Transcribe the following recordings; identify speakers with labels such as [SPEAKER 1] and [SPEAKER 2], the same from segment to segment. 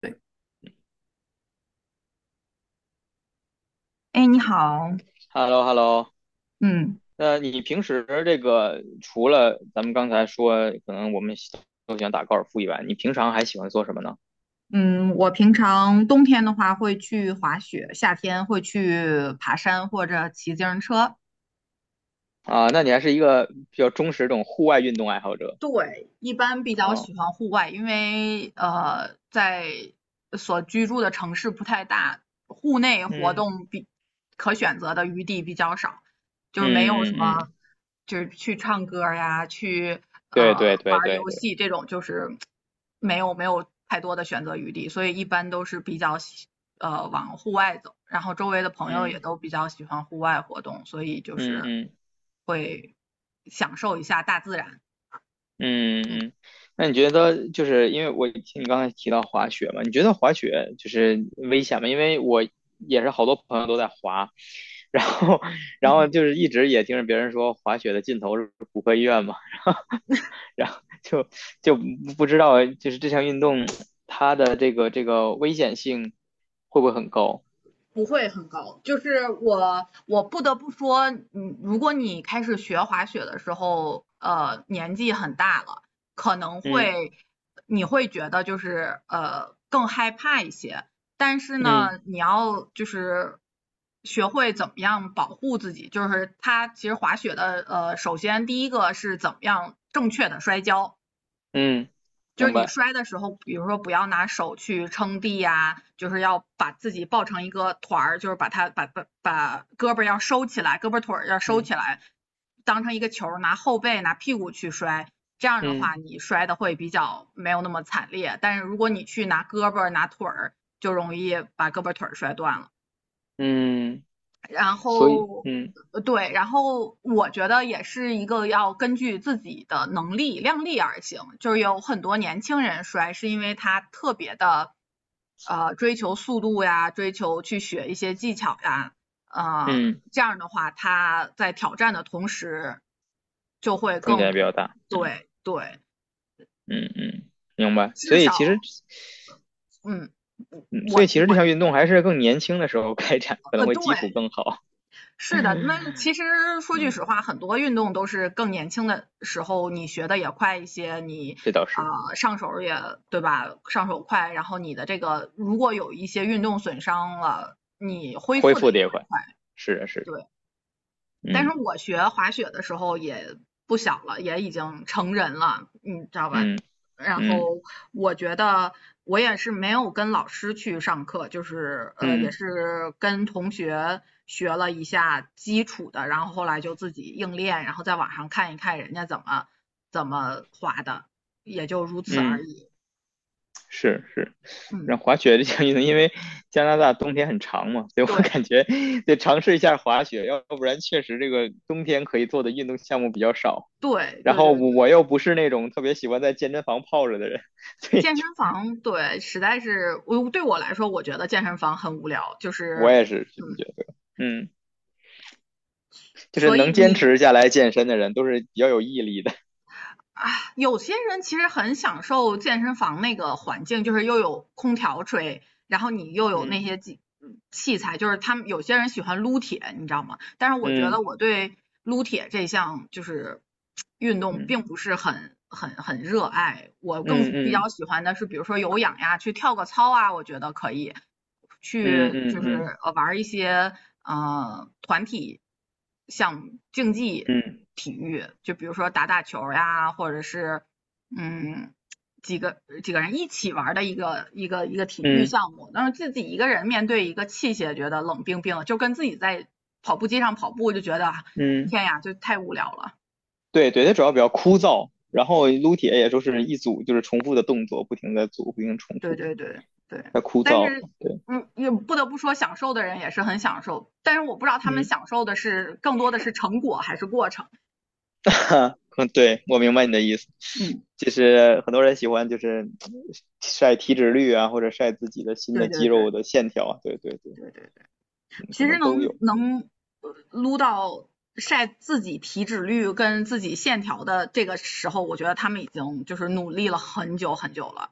[SPEAKER 1] 对，哎，你好。
[SPEAKER 2] Hello hello。
[SPEAKER 1] 嗯
[SPEAKER 2] 那你平时这个除了咱们刚才说，可能我们都喜欢打高尔夫以外，你平常还喜欢做什么呢？
[SPEAKER 1] 嗯，我平常冬天的话会去滑雪，夏天会去爬山或者骑自行车。
[SPEAKER 2] 啊，那你还是一个比较忠实这种户外运动爱好者
[SPEAKER 1] 对，一般比较
[SPEAKER 2] 啊。
[SPEAKER 1] 喜欢户外，因为在所居住的城市不太大，户内活
[SPEAKER 2] 嗯
[SPEAKER 1] 动比可选择的余地比较少，就是没有
[SPEAKER 2] 嗯
[SPEAKER 1] 什
[SPEAKER 2] 嗯嗯，
[SPEAKER 1] 么，就是去唱歌呀，去
[SPEAKER 2] 对
[SPEAKER 1] 呃
[SPEAKER 2] 对
[SPEAKER 1] 玩
[SPEAKER 2] 对
[SPEAKER 1] 儿
[SPEAKER 2] 对
[SPEAKER 1] 游
[SPEAKER 2] 对，
[SPEAKER 1] 戏这种，就是没有太多的选择余地，所以一般都是比较往户外走，然后周围的朋友也
[SPEAKER 2] 嗯
[SPEAKER 1] 都比较喜欢户外活动，所以就
[SPEAKER 2] 嗯
[SPEAKER 1] 是
[SPEAKER 2] 嗯
[SPEAKER 1] 会享受一下大自然。
[SPEAKER 2] 嗯
[SPEAKER 1] 嗯。
[SPEAKER 2] 嗯。那你觉得就是因为我听你刚才提到滑雪嘛，你觉得滑雪就是危险吗？因为我也是好多朋友都在滑，然后
[SPEAKER 1] 嗯
[SPEAKER 2] 然后
[SPEAKER 1] 哼，
[SPEAKER 2] 就是一直也听着别人说滑雪的尽头是骨科医院嘛，然后就不知道就是这项运动它的这个危险性会不会很高？
[SPEAKER 1] 不会很高。就是我不得不说，嗯，如果你开始学滑雪的时候，年纪很大了，可能
[SPEAKER 2] 嗯
[SPEAKER 1] 会你会觉得就是更害怕一些。但是
[SPEAKER 2] 嗯
[SPEAKER 1] 呢，你要就是学会怎么样保护自己，就是它其实滑雪的首先第一个是怎么样正确的摔跤，
[SPEAKER 2] 嗯，
[SPEAKER 1] 就是
[SPEAKER 2] 明
[SPEAKER 1] 你
[SPEAKER 2] 白。
[SPEAKER 1] 摔的时候，比如说不要拿手去撑地呀，就是要把自己抱成一个团儿，就是把它把把把胳膊要收起来，胳膊腿儿要收
[SPEAKER 2] 嗯
[SPEAKER 1] 起来，当成一个球拿后背拿屁股去摔。这样的
[SPEAKER 2] 嗯
[SPEAKER 1] 话，你摔的会比较没有那么惨烈。但是如果你去拿胳膊拿腿儿，就容易把胳膊腿儿摔断了。
[SPEAKER 2] 嗯，
[SPEAKER 1] 然
[SPEAKER 2] 所以
[SPEAKER 1] 后，
[SPEAKER 2] 嗯
[SPEAKER 1] 对，然后我觉得也是一个要根据自己的能力量力而行，就是有很多年轻人摔是因为他特别的，追求速度呀，追求去学一些技巧呀，呃，
[SPEAKER 2] 嗯，
[SPEAKER 1] 这样的话他在挑战的同时就会
[SPEAKER 2] 风险也
[SPEAKER 1] 更，
[SPEAKER 2] 比较大。嗯。
[SPEAKER 1] 对对，
[SPEAKER 2] 嗯嗯，明白。所
[SPEAKER 1] 至
[SPEAKER 2] 以其
[SPEAKER 1] 少，
[SPEAKER 2] 实，
[SPEAKER 1] 嗯，
[SPEAKER 2] 嗯，
[SPEAKER 1] 我我
[SPEAKER 2] 所以其实这
[SPEAKER 1] 我
[SPEAKER 2] 项运动还是更年轻的时候开展，可能会
[SPEAKER 1] 对。
[SPEAKER 2] 基础更好。
[SPEAKER 1] 是的，那其实 说句实
[SPEAKER 2] 嗯，
[SPEAKER 1] 话，很多运动都是更年轻的时候你学的也快一些，你
[SPEAKER 2] 这倒是，
[SPEAKER 1] 上手儿也对吧？上手快，然后你的这个如果有一些运动损伤了，你恢
[SPEAKER 2] 恢
[SPEAKER 1] 复的
[SPEAKER 2] 复
[SPEAKER 1] 也
[SPEAKER 2] 的也
[SPEAKER 1] 会
[SPEAKER 2] 快。
[SPEAKER 1] 快。
[SPEAKER 2] 是的，是的。
[SPEAKER 1] 对，但是
[SPEAKER 2] 嗯
[SPEAKER 1] 我学滑雪的时候也不小了，也已经成人了，你知道吧？
[SPEAKER 2] 嗯
[SPEAKER 1] 然
[SPEAKER 2] 嗯
[SPEAKER 1] 后我觉得我也是没有跟老师去上课，就是也
[SPEAKER 2] 嗯
[SPEAKER 1] 是跟同学学了一下基础的，然后后来就自己硬练，然后在网上看一看人家怎么滑的，也就如此而
[SPEAKER 2] 嗯，
[SPEAKER 1] 已。
[SPEAKER 2] 是是。
[SPEAKER 1] 嗯，
[SPEAKER 2] 然后滑雪这项运动，因为加拿大冬天很长嘛，所以我
[SPEAKER 1] 对
[SPEAKER 2] 感觉得尝试一下滑雪，要不然确实这个冬天可以做的运动项目比较少。
[SPEAKER 1] 对
[SPEAKER 2] 然
[SPEAKER 1] 对对
[SPEAKER 2] 后我
[SPEAKER 1] 对，
[SPEAKER 2] 我又不是那种特别喜欢在健身房泡着的人。所以
[SPEAKER 1] 健身
[SPEAKER 2] 就
[SPEAKER 1] 房对，实在是我来说，我觉得健身房很无聊，就
[SPEAKER 2] 我
[SPEAKER 1] 是。
[SPEAKER 2] 也是这么
[SPEAKER 1] 嗯。
[SPEAKER 2] 觉得。嗯，就是
[SPEAKER 1] 所以
[SPEAKER 2] 能坚
[SPEAKER 1] 你
[SPEAKER 2] 持下来健身的人，都是比较有毅力的。
[SPEAKER 1] 啊，有些人其实很享受健身房那个环境，就是又有空调吹，然后你又有
[SPEAKER 2] 嗯
[SPEAKER 1] 那些器材，就是他们有些人喜欢撸铁，你知道吗？但是我觉得
[SPEAKER 2] 嗯
[SPEAKER 1] 我对撸铁这项就是运动
[SPEAKER 2] 嗯
[SPEAKER 1] 并不是很热爱，我更
[SPEAKER 2] 嗯
[SPEAKER 1] 比
[SPEAKER 2] 嗯
[SPEAKER 1] 较喜欢的是比如说有氧呀，去跳个操啊，我觉得可以，
[SPEAKER 2] 嗯
[SPEAKER 1] 去就
[SPEAKER 2] 嗯
[SPEAKER 1] 是玩一些团体像竞技
[SPEAKER 2] 嗯
[SPEAKER 1] 体育，就比如说打打球呀，或者是嗯几个人一起玩的一个体育
[SPEAKER 2] 嗯
[SPEAKER 1] 项目，但是自己一个人面对一个器械，觉得冷冰冰的，就跟自己在跑步机上跑步就觉得啊
[SPEAKER 2] 嗯，
[SPEAKER 1] 天呀，就太无聊了。
[SPEAKER 2] 对对，它主要比较枯燥，然后撸铁也就是一组就是重复的动作，不停的组，不停地重
[SPEAKER 1] 对
[SPEAKER 2] 复，
[SPEAKER 1] 对对对，
[SPEAKER 2] 太枯
[SPEAKER 1] 但
[SPEAKER 2] 燥。
[SPEAKER 1] 是
[SPEAKER 2] 对，
[SPEAKER 1] 嗯，也不得不说，享受的人也是很享受，但是我不知道他们
[SPEAKER 2] 嗯，
[SPEAKER 1] 享受的是更多的是成果还是过程。
[SPEAKER 2] 嗯，对，我明白你的意思，
[SPEAKER 1] 嗯，
[SPEAKER 2] 就是很多人喜欢就是晒体脂率啊，或者晒自己的新
[SPEAKER 1] 对
[SPEAKER 2] 的
[SPEAKER 1] 对
[SPEAKER 2] 肌
[SPEAKER 1] 对
[SPEAKER 2] 肉的线条啊，对对对，
[SPEAKER 1] 对对。
[SPEAKER 2] 嗯，可
[SPEAKER 1] 其实
[SPEAKER 2] 能都有，
[SPEAKER 1] 能
[SPEAKER 2] 嗯。
[SPEAKER 1] 能呃撸到晒自己体脂率跟自己线条的这个时候，我觉得他们已经就是努力了很久很久了，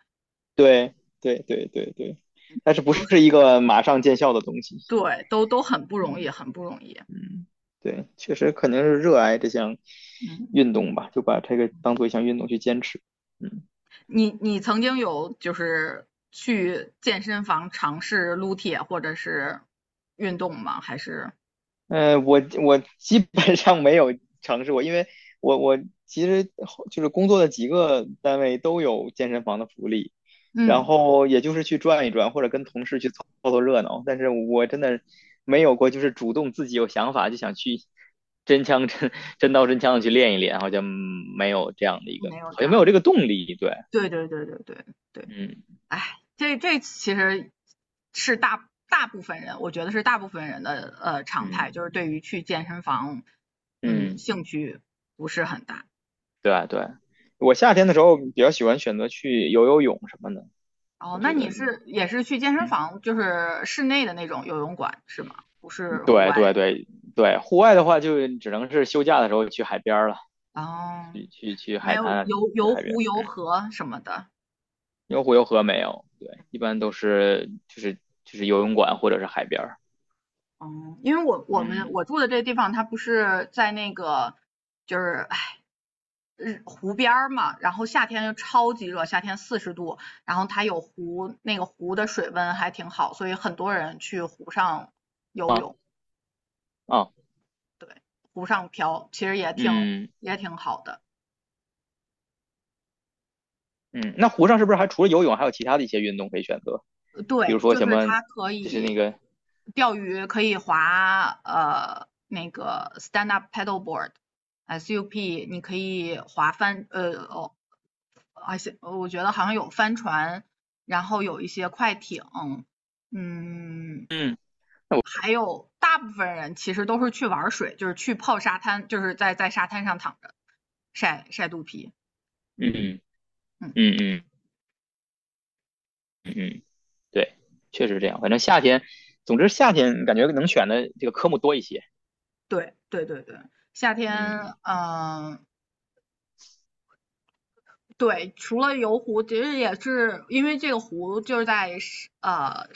[SPEAKER 2] 对对对对对，但是不
[SPEAKER 1] 都
[SPEAKER 2] 是
[SPEAKER 1] 是
[SPEAKER 2] 一个马上见效的东西。
[SPEAKER 1] 对，都很不容易，很不容易。
[SPEAKER 2] 嗯，对，确实肯定是热爱这项
[SPEAKER 1] 嗯，
[SPEAKER 2] 运动吧，就把这个当做一项运动去坚持。嗯。
[SPEAKER 1] 你你曾经有就是去健身房尝试撸铁或者是运动吗？还是
[SPEAKER 2] 嗯，我基本上没有尝试过，因为我其实就是工作的几个单位都有健身房的福利，然
[SPEAKER 1] 嗯，
[SPEAKER 2] 后也就是去转一转，或者跟同事去凑凑热闹，但是我真的没有过就是主动自己有想法就想去真枪真真刀真枪的去练一练，好像没有这样的一个，
[SPEAKER 1] 没有
[SPEAKER 2] 好
[SPEAKER 1] 这
[SPEAKER 2] 像没
[SPEAKER 1] 样
[SPEAKER 2] 有
[SPEAKER 1] 的。
[SPEAKER 2] 这个动力，对，
[SPEAKER 1] 对对对对对对。
[SPEAKER 2] 嗯
[SPEAKER 1] 哎，这这其实是大部分人，我觉得是大部分人的常态，
[SPEAKER 2] 嗯
[SPEAKER 1] 就是对于去健身房，嗯，
[SPEAKER 2] 嗯，
[SPEAKER 1] 兴趣不是很大。
[SPEAKER 2] 对啊对啊，我夏天的时候比较喜欢选择去游泳什么的，
[SPEAKER 1] 哦，
[SPEAKER 2] 我
[SPEAKER 1] 那
[SPEAKER 2] 觉得，
[SPEAKER 1] 你是也是去健身
[SPEAKER 2] 嗯。
[SPEAKER 1] 房，就是室内的那种游泳馆是吗？不是户
[SPEAKER 2] 对
[SPEAKER 1] 外。
[SPEAKER 2] 对对对，户外的话就只能是休假的时候去海边儿了，
[SPEAKER 1] 哦，
[SPEAKER 2] 去
[SPEAKER 1] 没
[SPEAKER 2] 海
[SPEAKER 1] 有
[SPEAKER 2] 滩啊
[SPEAKER 1] 游
[SPEAKER 2] 去
[SPEAKER 1] 游
[SPEAKER 2] 海边
[SPEAKER 1] 湖、
[SPEAKER 2] 儿，
[SPEAKER 1] 游河什么的。
[SPEAKER 2] 因为湖游河没有，对，一般都是就是游泳馆或者是海边儿。
[SPEAKER 1] 嗯，因为我我们
[SPEAKER 2] 嗯
[SPEAKER 1] 我住的这个地方，它不是在那个就是哎，日湖边儿嘛，然后夏天又超级热，夏天四十度，然后它有湖，那个湖的水温还挺好，所以很多人去湖上游
[SPEAKER 2] 啊
[SPEAKER 1] 泳，
[SPEAKER 2] 啊
[SPEAKER 1] 对，湖上漂，其实也挺
[SPEAKER 2] 嗯
[SPEAKER 1] 也挺好的。
[SPEAKER 2] 嗯，那湖上是不是还除了游泳，还有其他的一些运动可以选择？比如
[SPEAKER 1] 对，
[SPEAKER 2] 说
[SPEAKER 1] 就
[SPEAKER 2] 什
[SPEAKER 1] 是
[SPEAKER 2] 么，
[SPEAKER 1] 它可
[SPEAKER 2] 就是那
[SPEAKER 1] 以
[SPEAKER 2] 个
[SPEAKER 1] 钓鱼，可以划那个 stand up paddleboard。SUP,你可以划帆，呃，哦。而且我觉得好像有帆船，然后有一些快艇，嗯，
[SPEAKER 2] 嗯
[SPEAKER 1] 还有大部分人其实都是去玩水，就是去泡沙滩，就是在沙滩上躺着晒晒肚皮。
[SPEAKER 2] 嗯
[SPEAKER 1] 嗯，
[SPEAKER 2] 嗯嗯嗯，对，确实是这样。反正夏天，总之夏天感觉能选的这个科目多一些。
[SPEAKER 1] 对对对对，夏天，
[SPEAKER 2] 嗯嗯
[SPEAKER 1] 嗯、对，除了游湖，其实也是因为这个湖就是在呃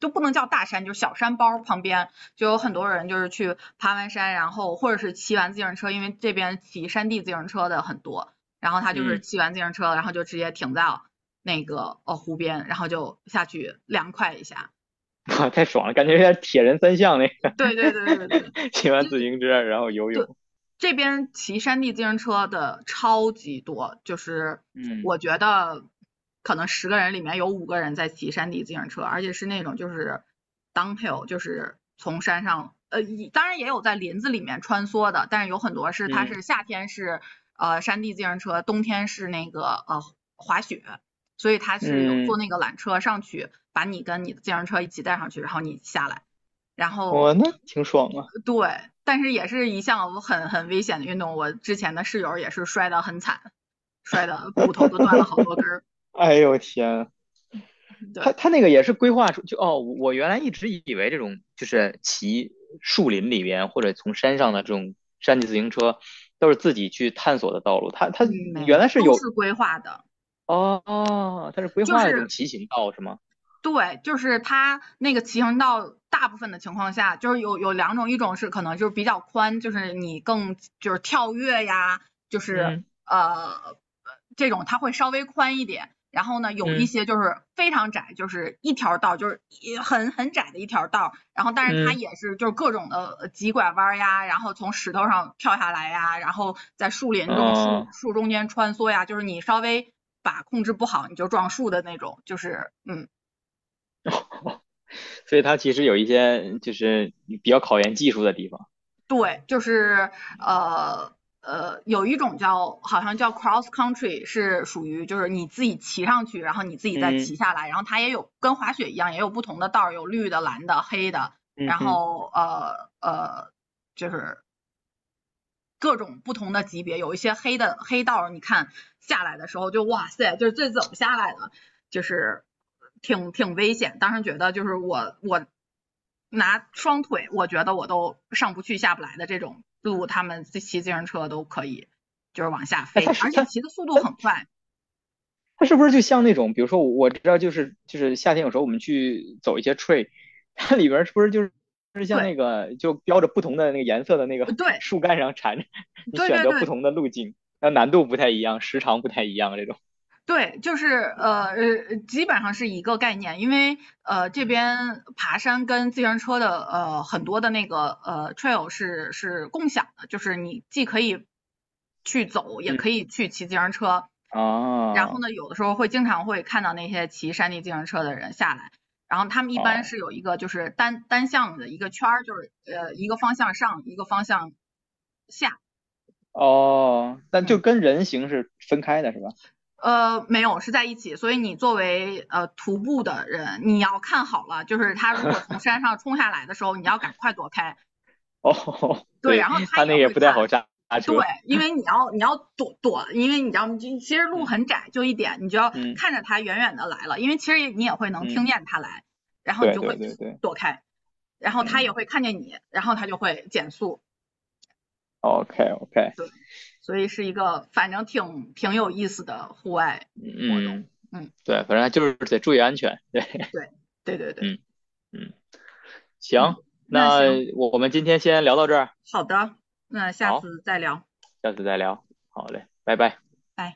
[SPEAKER 1] 就不能叫大山，就是小山包旁边就有很多人就是去爬完山，然后或者是骑完自行车，因为这边骑山地自行车的很多，然后他就是
[SPEAKER 2] 嗯。
[SPEAKER 1] 骑完自行车，然后就直接停在那个湖边，然后就下去凉快一下。
[SPEAKER 2] 哇，太爽了，感觉有点铁人三项那个，
[SPEAKER 1] 对对对对对
[SPEAKER 2] 骑完自行车然后游
[SPEAKER 1] 对，
[SPEAKER 2] 泳，
[SPEAKER 1] 这边骑山地自行车的超级多，就是
[SPEAKER 2] 嗯
[SPEAKER 1] 我觉得可能十个人里面有五个人在骑山地自行车，而且是那种就是 downhill,就是从山上，呃，当然也有在林子里面穿梭的，但是有很多是它
[SPEAKER 2] 嗯
[SPEAKER 1] 是夏天是山地自行车，冬天是那个呃滑雪，所以它是有坐
[SPEAKER 2] 嗯，
[SPEAKER 1] 那个缆车上去，把你跟你的自行车一起带上去，然后你下来。然
[SPEAKER 2] 哇，
[SPEAKER 1] 后
[SPEAKER 2] 那挺爽啊！
[SPEAKER 1] 对，但是也是一项很危险的运动。我之前的室友也是摔得很惨，摔的骨头都断了好多根 儿。
[SPEAKER 2] 哎呦天，他
[SPEAKER 1] 对，
[SPEAKER 2] 他那个也是规划出就哦，我原来一直以为这种就是骑树林里边或者从山上的这种山地自行车都是自己去探索的道路，他
[SPEAKER 1] 嗯，没
[SPEAKER 2] 原
[SPEAKER 1] 有，
[SPEAKER 2] 来是
[SPEAKER 1] 都
[SPEAKER 2] 有
[SPEAKER 1] 是规划的，
[SPEAKER 2] 哦，他是规
[SPEAKER 1] 就
[SPEAKER 2] 划的这种
[SPEAKER 1] 是
[SPEAKER 2] 骑行道是吗？
[SPEAKER 1] 对，就是它那个骑行道，大部分的情况下就是有两种，一种是可能就是比较宽，就是你更就是跳跃呀，就是
[SPEAKER 2] 嗯
[SPEAKER 1] 呃这种它会稍微宽一点。然后呢，有一
[SPEAKER 2] 嗯
[SPEAKER 1] 些就是非常窄，就是一条道，就是也很窄的一条道。然后，但是它
[SPEAKER 2] 嗯，
[SPEAKER 1] 也是就是各种的急拐弯呀，然后从石头上跳下来呀，然后在树林中树
[SPEAKER 2] 哦。
[SPEAKER 1] 树中间穿梭呀，就是你稍微把控制不好，你就撞树的那种，就是嗯。
[SPEAKER 2] 所以它其实有一些就是比较考验技术的地方。
[SPEAKER 1] 对，就是呃，有一种叫好像叫 cross country,是属于就是你自己骑上去，然后你自己再
[SPEAKER 2] 嗯
[SPEAKER 1] 骑下来，然后它也有跟滑雪一样，也有不同的道儿，有绿的、蓝的、黑的，
[SPEAKER 2] 嗯
[SPEAKER 1] 然
[SPEAKER 2] 哼，
[SPEAKER 1] 后就是各种不同的级别，有一些黑的黑道，你看下来的时候就哇塞，就是这怎么下来的，就是挺危险。当时觉得就是我拿双腿，我觉得我都上不去下不来的这种路，他们骑自行车都可以，就是往下
[SPEAKER 2] 哎，它
[SPEAKER 1] 飞，
[SPEAKER 2] 是
[SPEAKER 1] 而且
[SPEAKER 2] 它
[SPEAKER 1] 骑的速度很快。
[SPEAKER 2] 它是不是就像那种，比如说我知道就是夏天有时候我们去走一些 trail，它里边是不是就是像
[SPEAKER 1] 对
[SPEAKER 2] 那个就标着不同的那个颜色的那个
[SPEAKER 1] 对
[SPEAKER 2] 树干上缠着，你
[SPEAKER 1] 对
[SPEAKER 2] 选
[SPEAKER 1] 对
[SPEAKER 2] 择不
[SPEAKER 1] 对，
[SPEAKER 2] 同的路径，那难度不太一样，时长不太一样这种。
[SPEAKER 1] 对，就是基本上是一个概念，因为这
[SPEAKER 2] 嗯
[SPEAKER 1] 边爬山跟自行车的很多的那个trail 是共享的，就是你既可以去走，也
[SPEAKER 2] 嗯
[SPEAKER 1] 可以去骑自行车。然后
[SPEAKER 2] 啊
[SPEAKER 1] 呢，有的时候会经常会看到那些骑山地自行车的人下来，然后他们一般
[SPEAKER 2] 哦
[SPEAKER 1] 是有一个就是单向的一个圈儿，就是一个方向上，一个方向下，
[SPEAKER 2] 哦，但就
[SPEAKER 1] 嗯。
[SPEAKER 2] 跟人形是分开的是吧？
[SPEAKER 1] 没有，是在一起。所以你作为徒步的人，你要看好了，就是他如果从山上冲下来的时候，你要赶快躲开。
[SPEAKER 2] 哦，
[SPEAKER 1] 对，
[SPEAKER 2] 对，
[SPEAKER 1] 然后他
[SPEAKER 2] 它
[SPEAKER 1] 也
[SPEAKER 2] 那个也
[SPEAKER 1] 会
[SPEAKER 2] 不太好
[SPEAKER 1] 看，
[SPEAKER 2] 刹刹
[SPEAKER 1] 对，
[SPEAKER 2] 车。
[SPEAKER 1] 因为你要躲，因为你知道，其实路
[SPEAKER 2] 嗯
[SPEAKER 1] 很窄，就一点，你就要
[SPEAKER 2] 嗯
[SPEAKER 1] 看着他远远的来了，因为其实你也会能听
[SPEAKER 2] 嗯，
[SPEAKER 1] 见他来，然后你
[SPEAKER 2] 对
[SPEAKER 1] 就会
[SPEAKER 2] 对对对，
[SPEAKER 1] 躲开，然后他也
[SPEAKER 2] 嗯
[SPEAKER 1] 会看见你，然后他就会减速。
[SPEAKER 2] ，OK OK，
[SPEAKER 1] 对，所以是一个反正挺有意思的户外活动。
[SPEAKER 2] 嗯，
[SPEAKER 1] 嗯，
[SPEAKER 2] 对，反正就是得注意安全，对，
[SPEAKER 1] 对，对对对。
[SPEAKER 2] 嗯嗯，
[SPEAKER 1] 嗯，
[SPEAKER 2] 行，
[SPEAKER 1] 那
[SPEAKER 2] 那
[SPEAKER 1] 行，
[SPEAKER 2] 我们今天先聊到这儿，
[SPEAKER 1] 好的，那下
[SPEAKER 2] 好，
[SPEAKER 1] 次再聊，
[SPEAKER 2] 下次再聊，好嘞，拜拜。
[SPEAKER 1] 拜。